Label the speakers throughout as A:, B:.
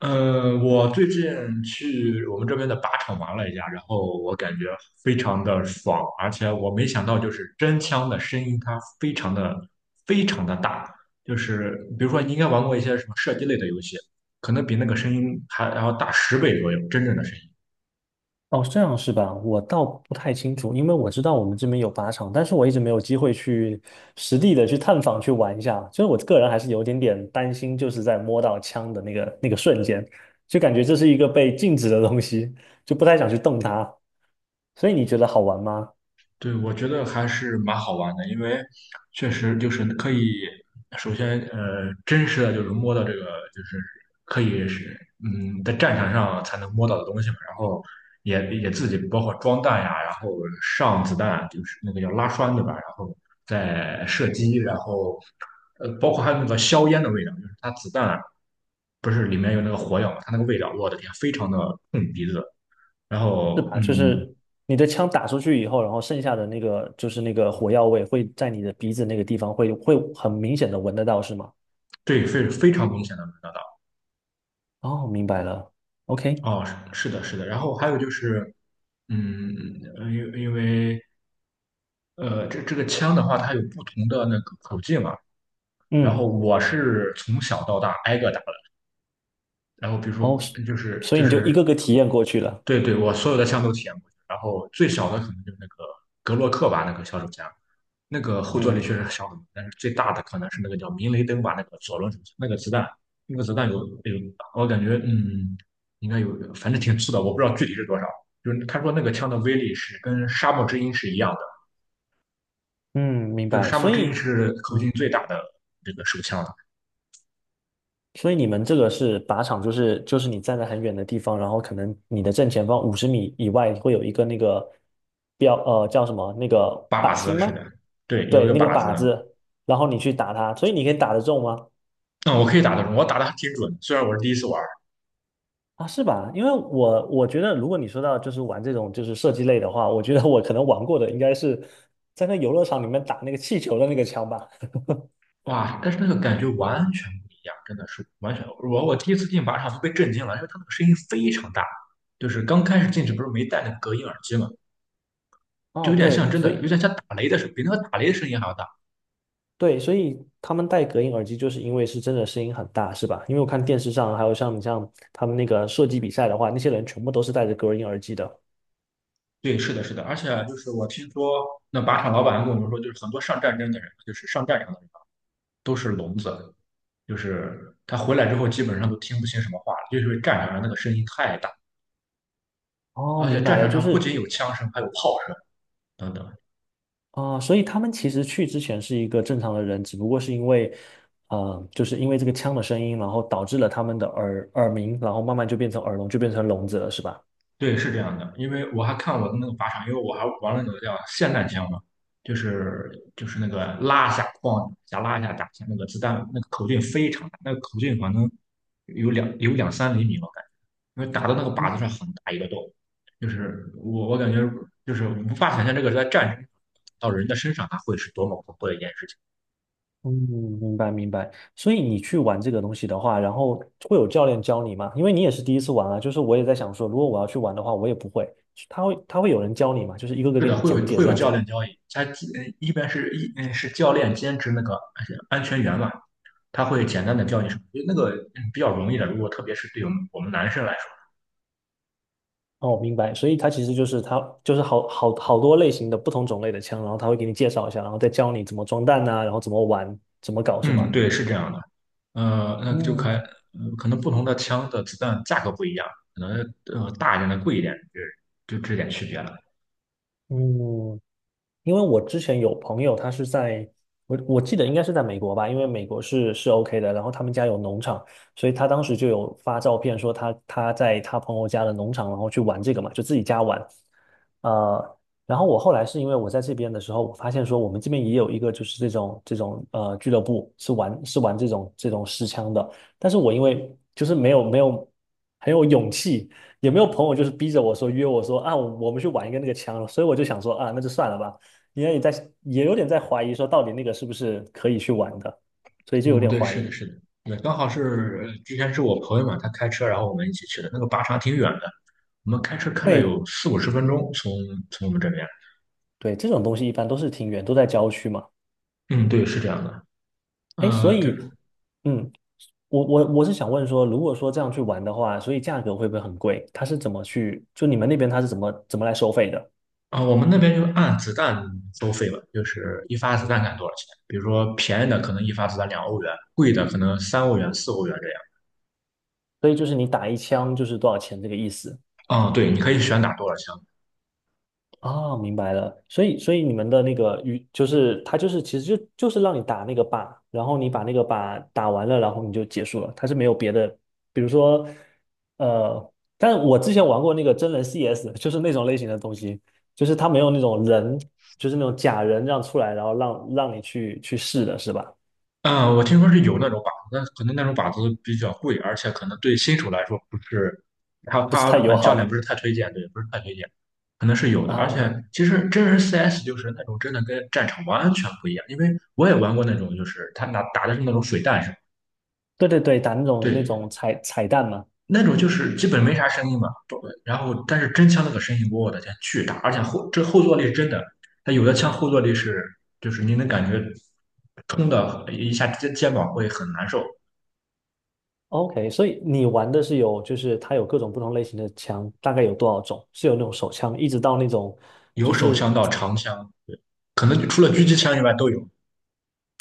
A: 嗯，我最近去我们这边的靶场玩了一下，然后我感觉非常的爽，而且我没想到，就是真枪的声音它非常的大，就是比如说你应该玩过一些什么射击类的游戏，可能比那个声音还要大10倍左右，真正的声音。
B: 哦，这样是吧？我倒不太清楚，因为我知道我们这边有靶场，但是我一直没有机会去实地的去探访去玩一下。所以我个人还是有点点担心，就是在摸到枪的那个瞬间，就感觉这是一个被禁止的东西，就不太想去动它。所以你觉得好玩吗？
A: 对，我觉得还是蛮好玩的，因为确实就是可以，首先真实的就是摸到这个，就是可以是在战场上才能摸到的东西嘛，然后也自己包括装弹呀，然后上子弹，就是那个叫拉栓对吧？然后再射击，然后包括还有那个硝烟的味道，就是它子弹不是里面有那个火药嘛，它那个味道，我的天，非常的冲鼻子，然
B: 是
A: 后
B: 吧？就
A: 嗯，
B: 是你的枪打出去以后，然后剩下的那个就是那个火药味会在你的鼻子那个地方会很明显的闻得到，是吗？
A: 对，非常明显的闻得到。
B: 哦，明白了。OK，
A: 哦，是的，是的。然后还有就是，嗯，因为这个枪的话，它有不同的那个口径嘛。然后
B: 嗯。
A: 我是从小到大挨个打的。然后比如说，
B: 哦，
A: 就是
B: 所以
A: 就
B: 你就一
A: 是
B: 个个体验过去了。
A: 对对，我所有的枪都体验过，然后最小的可能就是那个格洛克吧，那个小手枪，那个后坐力
B: 嗯
A: 确实小很多，但是最大的可能是那个叫明雷登吧，那个左轮手枪，那个子弹，那个子弹有，我感觉应该有，反正挺粗的，我不知道具体是多少。就是他说那个枪的威力是跟沙漠之鹰是一样的，
B: 嗯，明
A: 就是
B: 白。
A: 沙漠之鹰是口径
B: 嗯，
A: 最大的这个手枪了，
B: 所以你们这个是靶场，就是你站在很远的地方，然后可能你的正前方50米以外会有一个那个标，叫什么？那个
A: 靶
B: 靶
A: 子
B: 心
A: 是
B: 吗？
A: 的，对，有一
B: 对，
A: 个
B: 那个
A: 靶
B: 靶
A: 子，
B: 子，然后你去打它，所以你可以打得中吗？
A: 嗯，我可以打得中，我打的还挺准，虽然我是第一次玩。
B: 啊，是吧？因为我觉得，如果你说到就是玩这种就是射击类的话，我觉得我可能玩过的应该是在那游乐场里面打那个气球的那个枪吧。
A: 哇，但是那个感觉完全不一样，真的是完全。我第一次进靶场都被震惊了，因为它那个声音非常大，就是刚开始进去不是没戴那个隔音耳机嘛，就有
B: 哦，
A: 点像
B: 对，
A: 真
B: 所
A: 的，
B: 以。
A: 有点像打雷的声，比那个打雷的声音还要大。
B: 对，所以他们戴隔音耳机，就是因为是真的声音很大，是吧？因为我看电视上，还有像你像他们那个射击比赛的话，那些人全部都是戴着隔音耳机的。
A: 对，是的，是的，而且就是我听说那靶场老板跟我们说，就是很多上战争的人，就是上战场的人都是聋子，就是他回来之后基本上都听不清什么话了，就是因为战场上那个声音太大，
B: 哦，
A: 而且
B: 明白
A: 战
B: 了，
A: 场
B: 就
A: 上不
B: 是
A: 仅有枪声，还有炮声等等。
B: 啊、所以他们其实去之前是一个正常的人，只不过是因为，就是因为这个枪的声音，然后导致了他们的耳鸣，然后慢慢就变成耳聋，就变成聋子了，是吧？
A: 对，是这样的，因为我还看我的那个靶场，因为我还玩了那个叫霰弹枪嘛，就是就是那个拉一下框一下拉一下打一下那个子弹那个口径非常大，那个口径可能有两三厘米，吧，感觉，因为打到那个靶子上很大一个洞，就是我感觉就是无法想象这个在战争到人的身上，它会是多么恐怖的一件事情。
B: 嗯，明白明白。所以你去玩这个东西的话，然后会有教练教你吗？因为你也是第一次玩啊，就是我也在想说，如果我要去玩的话，我也不会。他会有人教你吗？就是一个个
A: 是
B: 给
A: 的，
B: 你
A: 会
B: 讲
A: 有
B: 解
A: 会
B: 这
A: 有
B: 样子
A: 教
B: 吗？
A: 练交易，他一一般是一嗯是教练兼职那个安全员嘛，他会简单的教你什么，因为那个比较容易的，如果特别是对我们男生来说，
B: 哦，明白。所以他其实就是他就是好多类型的不同种类的枪，然后他会给你介绍一下，然后再教你怎么装弹呐、然后怎么玩，怎么搞是吗？
A: 嗯，对，是这样的，呃，那就开，
B: 嗯
A: 呃可能不同的枪的子弹价格不一样，可能大一点的贵一点，就这点区别了。
B: 嗯，因为我之前有朋友，他是在我记得应该是在美国吧，因为美国是是 OK 的，然后他们家有农场，所以他当时就有发照片说他在他朋友家的农场，然后去玩这个嘛，就自己家玩。呃，然后我后来是因为我在这边的时候，我发现说我们这边也有一个就是这种俱乐部是玩这种实枪的，但是我因为就是没有很有勇气，也没有朋友就是逼着我说约我说啊我们去玩一个那个枪了，所以我就想说啊那就算了吧。因为你在也有点在怀疑说到底那个是不是可以去玩的，所以就有
A: 嗯，
B: 点
A: 对，
B: 怀
A: 是
B: 疑。
A: 的，是的，对，刚好之前是我朋友嘛，他开车，然后我们一起去的，那个靶场挺远的，我们开车开了
B: 对
A: 有四五十分钟从，我们这边。
B: 对，这种东西一般都是挺远，都在郊区嘛。
A: 嗯，对，是这样的。
B: 哎，所
A: 就
B: 以
A: 是
B: 嗯，我是想问说，如果说这样去玩的话，所以价格会不会很贵？它是怎么去，就你们那边它是怎么来收费的？
A: 啊、我们那边就按子弹收费了，就是一发子弹看多少钱。比如说便宜的可能一发子弹2欧元，贵的可能3欧元、4欧元这
B: 所以就是你打一枪就是多少钱这个意思。
A: 样。啊、对，你可以选打多少枪。
B: 哦，明白了。所以，所以你们的那个与就是它就是其实就是让你打那个靶，然后你把那个靶打完了，然后你就结束了。它是没有别的，比如说，但我之前玩过那个真人 CS，就是那种类型的东西，就是它没有那种人，就是那种假人这样出来，然后让你去试的是吧？
A: 啊、我听说是有那种靶子，但可能那种靶子比较贵，而且可能对新手来说不是，他
B: 不是太
A: 他
B: 友
A: 嗯教练不
B: 好
A: 是太推荐，对，不是太推荐，可能是有的。而且
B: 啊。
A: 其实真人 CS 就是那种真的跟战场完全不一样，因为我也玩过那种，就是他拿打的是那种水弹是吧，
B: 对对对，打那种
A: 对，
B: 彩蛋嘛。
A: 那种就是基本没啥声音嘛，不然后但是真枪那个声音，我的天，巨大，而且这后坐力是真的，它有的枪后坐力是就是你能感觉冲的一下肩膀会很难受，
B: OK，所以你玩的是有，就是它有各种不同类型的枪，大概有多少种？是有那种手枪，一直到那种，
A: 有
B: 就
A: 手枪
B: 是
A: 到长枪，可能除了狙击枪以外都有，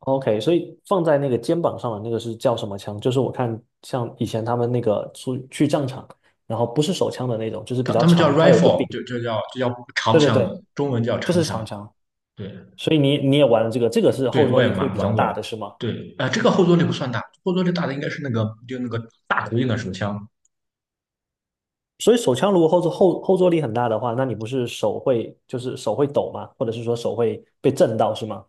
B: OK，所以放在那个肩膀上的那个是叫什么枪？就是我看像以前他们那个出去战场，然后不是手枪的那种，就是比
A: 他
B: 较
A: 他们叫
B: 长，它有一个
A: rifle，
B: 柄。
A: 就叫长
B: 对对
A: 枪嘛，
B: 对，
A: 中文叫
B: 就
A: 长
B: 是长
A: 枪，
B: 枪。
A: 对
B: 所以你你也玩了这个，这个是后
A: 对，
B: 坐
A: 我也
B: 力会
A: 玩
B: 比
A: 玩
B: 较
A: 过
B: 大
A: 了，
B: 的是吗？
A: 对，啊，这个后坐力不算大，后坐力大的应该是那个就那个大口径的手枪，
B: 所以手枪如果后坐力很大的话，那你不是手会就是手会抖吗？或者是说手会被震到是吗？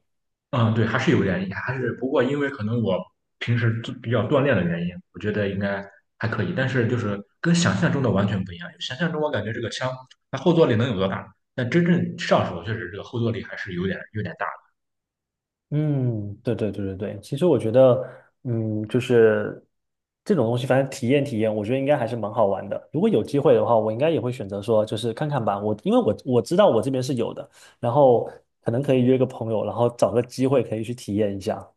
A: 嗯，对，还是有原因，不过因为可能我平时都比较锻炼的原因，我觉得应该还可以。但是就是跟想象中的完全不一样，想象中我感觉这个枪它后坐力能有多大，但真正上手确实这个后坐力还是有点大的。
B: 嗯，对对对对对，其实我觉得，嗯，就是这种东西，反正体验体验，我觉得应该还是蛮好玩的。如果有机会的话，我应该也会选择说，就是看看吧。我因为我知道我这边是有的，然后可能可以约个朋友，然后找个机会可以去体验一下。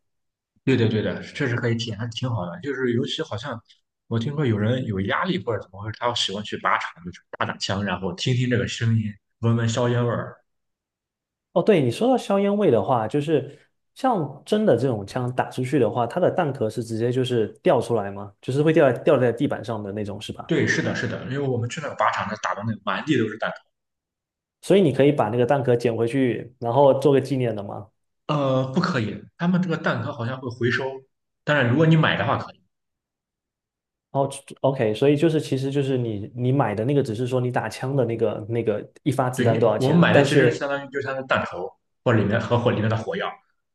A: 对的，对的，确实可以体验，还是挺好的。就是尤其好像我听说有人有压力或者怎么回事，他喜欢去靶场，就是打打枪，然后听听这个声音，闻闻硝烟味儿。
B: 哦，对，你说到硝烟味的话，就是像真的这种枪打出去的话，它的弹壳是直接就是掉出来吗？就是会掉在地板上的那种，是吧？
A: 对，是的，是的，因为我们去那个靶场，那打的那满地都是弹，
B: 所以你可以把那个弹壳捡回去，然后做个纪念的吗？
A: 不可以，他们这个弹壳好像会回收，当然如果你买的话可以。
B: 哦，OK，所以就是，其实就是你买的那个，只是说你打枪的那个一发子
A: 对
B: 弹多
A: 你，
B: 少
A: 我们
B: 钱，
A: 买的
B: 但
A: 其实
B: 是
A: 相当于弹头或者里面的火药，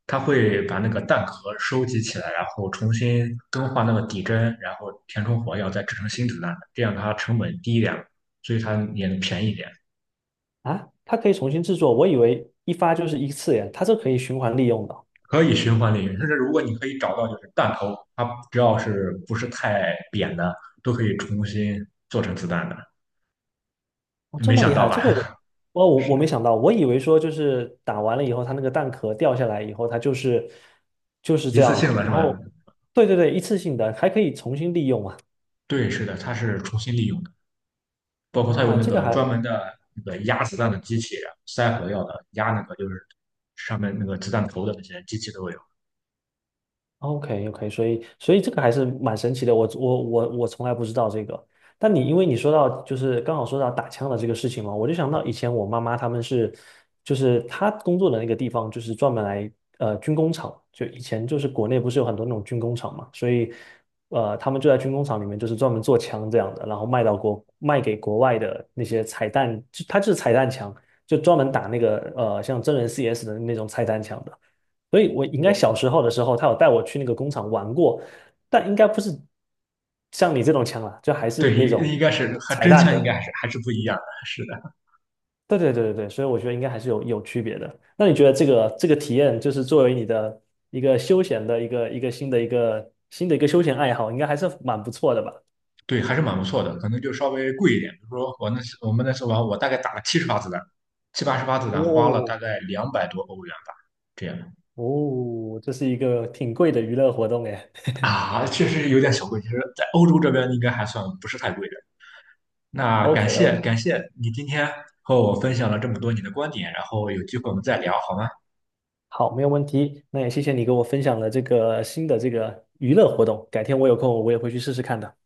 A: 它会把那个弹壳收集起来，然后重新更换那个底针，然后填充火药，再制成新子弹的，这样它成本低一点，所以它也能便宜一点，
B: 啊，它可以重新制作，我以为一发就是一次耶，它这可以循环利用的，
A: 可以循环利用。但是如果你可以找到就是弹头，它只要是不是太扁的，都可以重新做成子弹的。
B: 哦，这
A: 没
B: 么
A: 想
B: 厉
A: 到
B: 害，这个我
A: 吧？
B: 我 我
A: 是
B: 我
A: 的，
B: 没想到，我以为说就是打完了以后，它那个弹壳掉下来以后，它就是
A: 一
B: 这样
A: 次
B: 了，
A: 性的是
B: 然
A: 吧？
B: 后对对对，一次性的还可以重新利用啊，
A: 对，是的，它是重新利用的，包括它有
B: 啊，
A: 那
B: 这个
A: 个
B: 还
A: 专门的那个压子弹的机器，塞火药的，压那个就是上面那个子弹头的那些机器都有。
B: OK OK，所以所以这个还是蛮神奇的，我从来不知道这个。但你因为你说到就是刚好说到打枪的这个事情嘛，我就想到以前我妈妈他们是，就是她工作的那个地方就是专门来军工厂，就以前就是国内不是有很多那种军工厂嘛，所以他们就在军工厂里面就是专门做枪这样的，然后卖到国卖给国外的那些彩弹，就它就是彩弹枪，就专门打那个像真人 CS 的那种彩弹枪的。所以我应该
A: 我
B: 小时候的时候，他有带我去那个工厂玩过，但应该不是像你这种枪啦，就还是
A: 对，
B: 那
A: 应应
B: 种
A: 该是和
B: 彩
A: 真
B: 蛋
A: 枪应该
B: 的。
A: 还是不一样的，是的，
B: 对对对对对，所以我觉得应该还是有区别的。那你觉得这个这个体验，就是作为你的一个休闲的一个新的休闲爱好，应该还是蛮不错的吧？
A: 对，还是蛮不错的，可能就稍微贵一点。比如说我们那次玩，我大概打了70发子弹，七八十发子弹，花了大
B: 哦
A: 概200多欧元吧，这样
B: 哦，这是一个挺贵的娱乐活动哎。
A: 啊，确实有点小贵。其实，在欧洲这边应该还算不是太贵的。那感
B: OK
A: 谢
B: OK，
A: 感谢你今天和我分享了这么多你的观点，然后有机会我们再聊好吗？
B: 好，没有问题。那也谢谢你给我分享了这个新的这个娱乐活动，改天我有空我也会去试试看的。